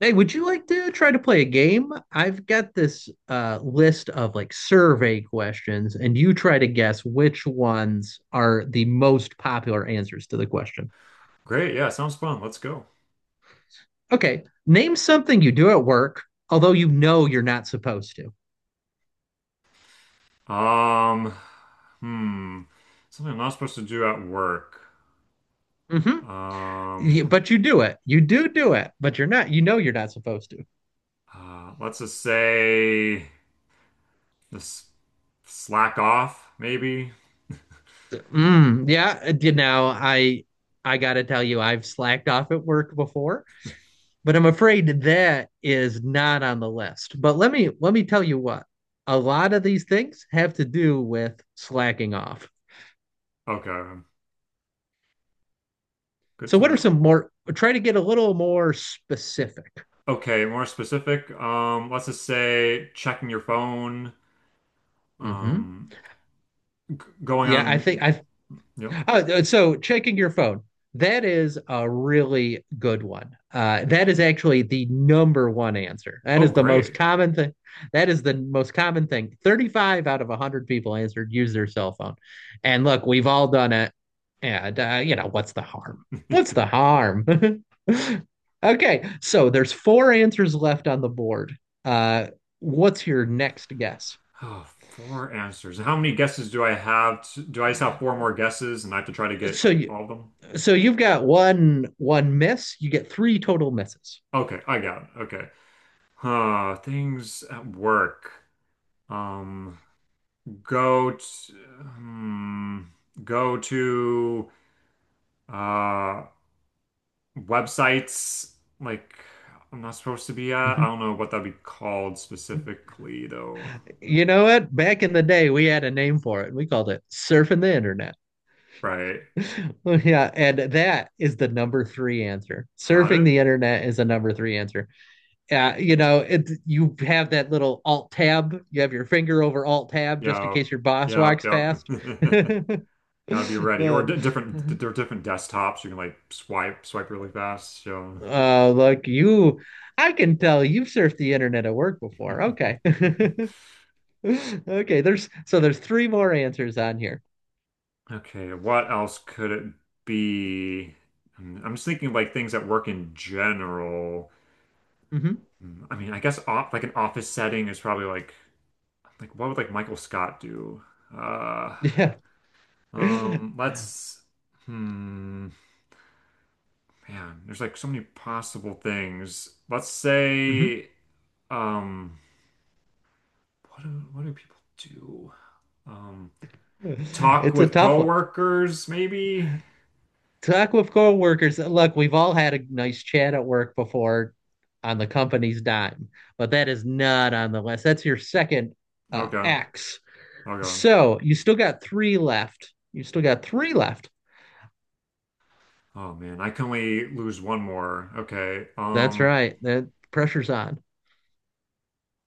Hey, would you like to try to play a game? I've got this list of survey questions, and you try to guess which ones are the most popular answers to the question. Great. Yeah, sounds fun. Let's go. Okay, name something you do at work, although you know you're not supposed to. Um, hmm. Something I'm not supposed to do at work. Um, Hmm. But you do it. You do do it, but you're not. You know you're not supposed to. Let's just say this slack off, maybe. Mm, yeah. I gotta tell you, I've slacked off at work before, but I'm afraid that is not on the list. But let me tell you what. A lot of these things have to do with slacking off. Okay. Good So to what are know. some more, try to get a little more specific. Okay, more specific. Let's just say checking your phone. Mhm. Um, going Yeah, I think on, I you know. Oh, so checking your phone. That is a really good one. That is actually the number one answer. That Oh, is the most great. common thing. That is the most common thing. 35 out of 100 people answered use their cell phone. And look, we've all done it. What's the harm? What's the harm? Okay, so there's four answers left on the board. Uh, what's your next guess? Oh, four answers. How many guesses do I have? Do I just have four more guesses and I have to try to get So you, all of them? so you've got one miss, you get three total misses. Okay, I got it. Okay. Huh, things at work. Um, go to, hmm, Go to uh websites like I'm not supposed to be at. I Mhm. don't know what that'd be called specifically though. You know what? Back in the day, we had a name for it. We called it surfing the internet. Right. Yeah, and that is the number three answer. Got Surfing it? the internet is a number three answer. Yeah, you have that little alt tab. You have your finger over alt tab just in Yeah. case your boss yep, walks yep. past. Gotta be ready. Or Uh, d different desktops. You can like swipe really fast. So uh, look, you, I can tell you've surfed the internet at work before. Okay. Okay, there's three more answers on here. Okay, what else could it be? Mm, I'm just thinking of like things that work in general. Mhm. Mm, I mean, I guess off, like an office setting is probably like what would like Michael Scott do? Uh, Yeah. Mhm. Let's hmm, man, there's like so many possible things. Let's say um, what do people do? Um, Talk It's a with tough one. coworkers, maybe? Talk with coworkers. Look, we've all had a nice chat at work before on the company's dime, but that is not on the list. That's your second Okay, X. okay. So you still got three left. You still got three left. Oh man, I can only lose one more. Okay. That's right. That pressure's on.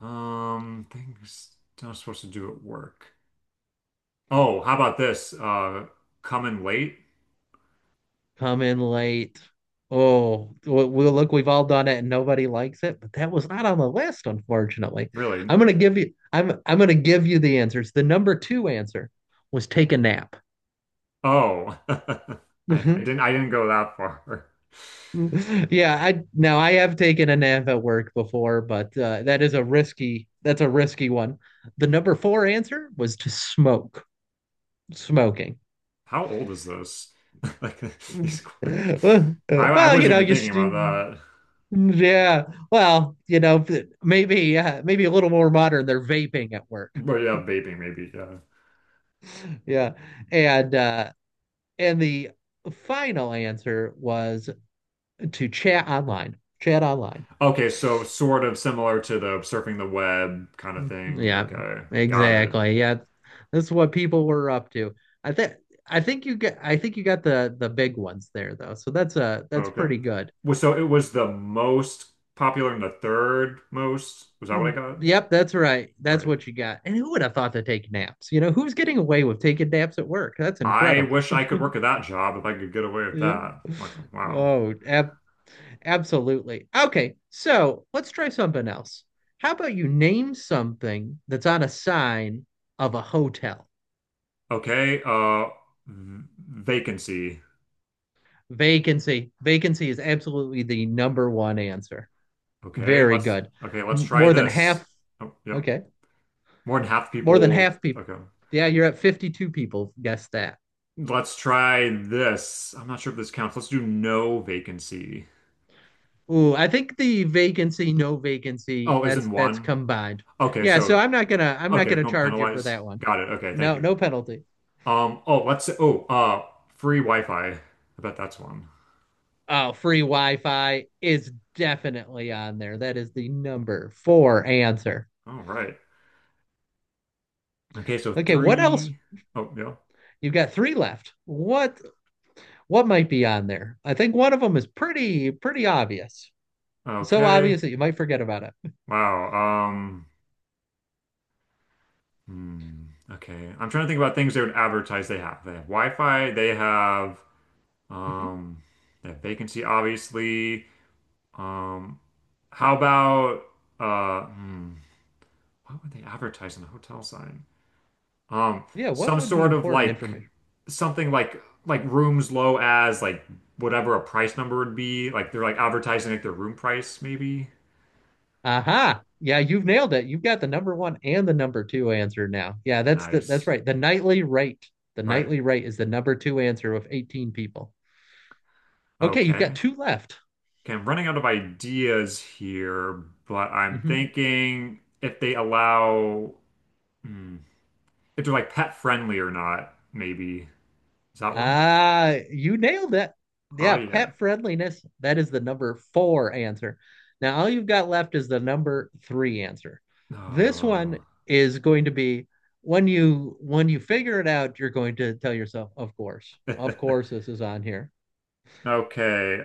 Things not supposed to do at work. Oh, how about this? Coming late? Come in late. Oh, well, we look, we've all done it and nobody likes it, but that was not on the list, unfortunately. Really? I'm gonna give you the answers. The number two answer was take a nap. Oh, I didn't. I didn't go that far. Mhm. Yeah, I, now I have taken a nap at work before, but that is a risky that's a risky one. The number four answer was to smoke, smoking. How old is this? Like these. I Well, you wasn't know, even thinking about that. mm, yeah. Well, you know, maybe maybe a little more modern. They're vaping at work. But yeah, vaping maybe. Yeah. Yeah. And uh and the final answer was to chat online. Chat online. Okay, so sort of similar to the surfing the web kind of Mhm. thing. Yeah, Okay, got it. exactly. Yeah. This is what people were up to. I think I think you got the big ones there though. So that's Okay. pretty good. Was so it was the most popular and the third most. Was that what I Mm, got? yep, that's right. That's Right. what you got. And who would have thought to take naps? You know, who's getting away with taking naps at work? That's I incredible. wish I could work at that job if I could get away with Yeah. that. I'm like, wow. Oh, ab Absolutely. Okay, so let's try something else. How about you name something that's on a sign of a hotel? Okay, vacancy. Vacancy. Vacancy is absolutely the number one answer. Okay, Very let's good. okay, let's try More than this. half. Oh, yeah. Okay. More than half the More than people. half people. Okay. Yeah, you're at 52 people guessed that. Let's try this. I'm not sure if this counts. Let's do no vacancy. Ooh, I think the vacancy, no vacancy, Oh, is that's in one? combined. Okay, Yeah, so so I'm not okay, gonna don't charge you for penalize. that one. Got it. Okay, thank No, you. no penalty. Oh, let's say, free Wi-Fi. I bet that's one. Oh, free Wi-Fi is definitely on there. That is the number four answer. All right. Okay, so Okay, what else? three. Oh, yeah. You've got three left. What might be on there? I think one of them is pretty obvious. So Okay. obvious that you might forget about it. Wow. Hmm. Okay. I'm trying to think about things they would advertise they have. They have Wi-Fi, Mhm. um they have vacancy, obviously. Um, how about uh hmm, what would they advertise on the hotel side? Um, Yeah, what some would be sort of important like information? something like rooms low as like whatever a price number would be. Like they're like advertising like their room price, maybe. Aha. Yeah, you've nailed it. You've got the number one and the number two answer now. Yeah, that's the that's Nice. right. The nightly rate. The Right. nightly rate is the number two answer with 18 people. Okay, you've got Okay. two left. Okay, I'm running out of ideas here, but I'm Mhm. thinking if they allow hmm, if they're like pet friendly or not, maybe. Is that one? Ah, you nailed it. Oh Yeah, yeah. pet friendliness. That is the number four answer. Now, all you've got left is the number three answer. This Oh. one is going to be when you figure it out, you're going to tell yourself, of course, this is on here. Okay.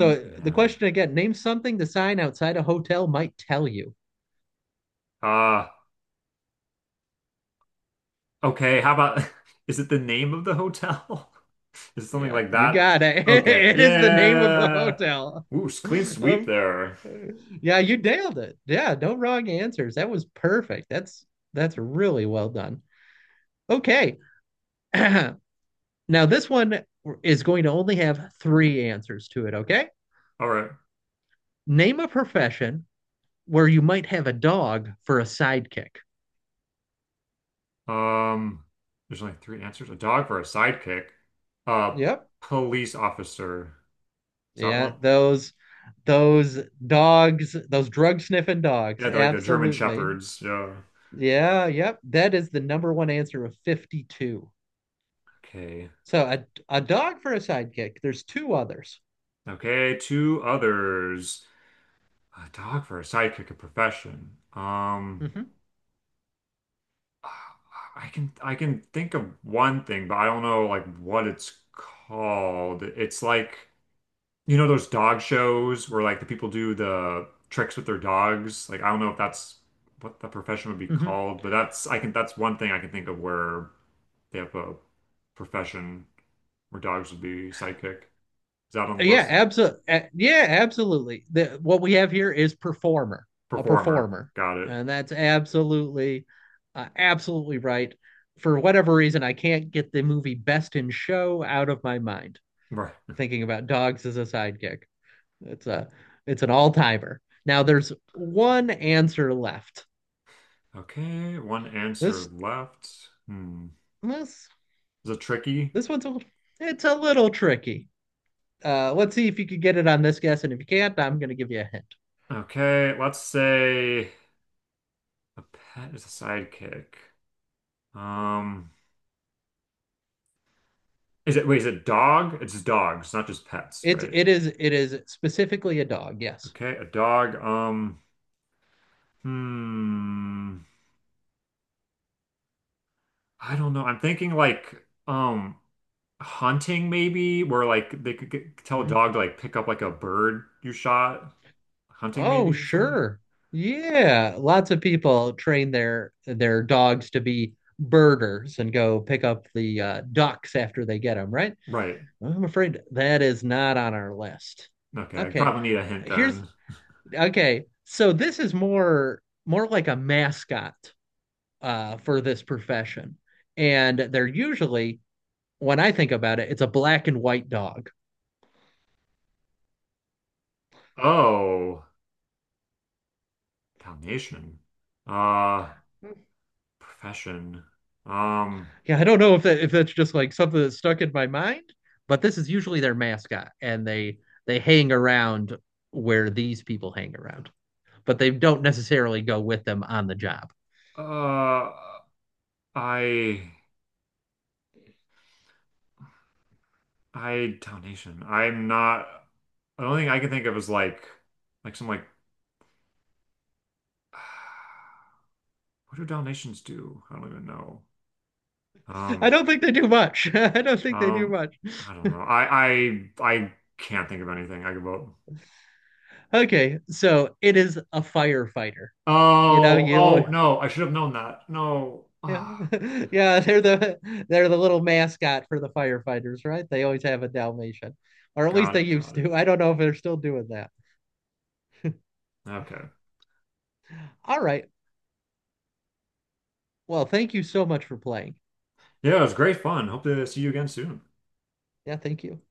So the Man. question again, name something the sign outside a hotel might tell you. Ah, okay, how about is it the name of the hotel? Is it something Yeah, like you that? got it. Okay. It is the name of the Yeah. hotel. Ooh, clean sweep Of there. Yeah, you nailed it. Yeah, no wrong answers. That was perfect. That's really well done. Okay. Now this one is going to only have three answers to it, okay? All right. Name a profession where you might have a dog for a sidekick. Um, there's only three answers. A dog for a sidekick. A Yep. police officer. Is that Yeah, one? those dogs, those drug sniffing dogs. Yeah, they're like the German Absolutely. shepherds. Yeah. Yeah, yep. That is the number one answer of 52. Okay. So a dog for a sidekick. There's two others. Okay, two others. A dog for a sidekick, a profession. Mhm. I can think of one thing, but I don't know like what it's called. It's like you know those dog shows where like the people do the tricks with their dogs. Like I don't know if that's what the profession would be Hmm. called, but that's I can that's one thing I can think of where they have a profession where dogs would be sidekick. Is that on the Yeah, list? absolutely. Yeah, absolutely. The, what we have here is performer, a Performer. performer, Got it. and that's absolutely, absolutely right. For whatever reason, I can't get the movie Best in Show out of my mind. Right. Thinking about dogs as a sidekick, it's a, it's an all-timer. Now there's one answer left. Okay, one answer This, left. Hmm. this, Is it tricky? this one's a, it's a little tricky. Let's see if you could get it on this guess, and if you can't, I'm going to give you a hint. Okay, let's say. A pet is a sidekick. Um, is it, wait, is it dog? It's dogs, not just pets, It right? it is it is specifically a dog, yes. Okay, a dog. Hmm. I don't know. I'm thinking like, um, hunting maybe, where like they could get, tell a Mm. dog to like pick up like a bird you shot. Hunting Oh, maybe, something. sure. Yeah, lots of people train their dogs to be birders and go pick up the ducks after they get them, right? Right. I'm afraid that is not on our list. Okay, I Okay. probably need a hint Here's then. okay. So this is more like a mascot for this profession. And they're usually, when I think about it, it's a black and white dog. Oh, Dalmatian. Uh, profession. Um, Yeah, I don't know if that if that's just like something that's stuck in my mind, but this is usually their mascot, and they hang around where these people hang around, but they don't necessarily go with them on the job. uh, I. I donation. I'm not. The only thing I can think of is like some like, what do donations do? I don't even know. I Um, don't think they do much. I don't think they do um, much. I don't know. I can't think of anything I could vote. Okay, so it is a firefighter. You know, Oh, oh you no! I should have known that. No. Yeah, Ah, yeah, they're the little mascot for the firefighters, right? They always have a Dalmatian, or at least got they it, used got it. to. I don't know if they're still doing that. Okay. All right. Well, thank you so much for playing. Yeah, it was great fun. Hope to see you again soon. Yeah, thank you.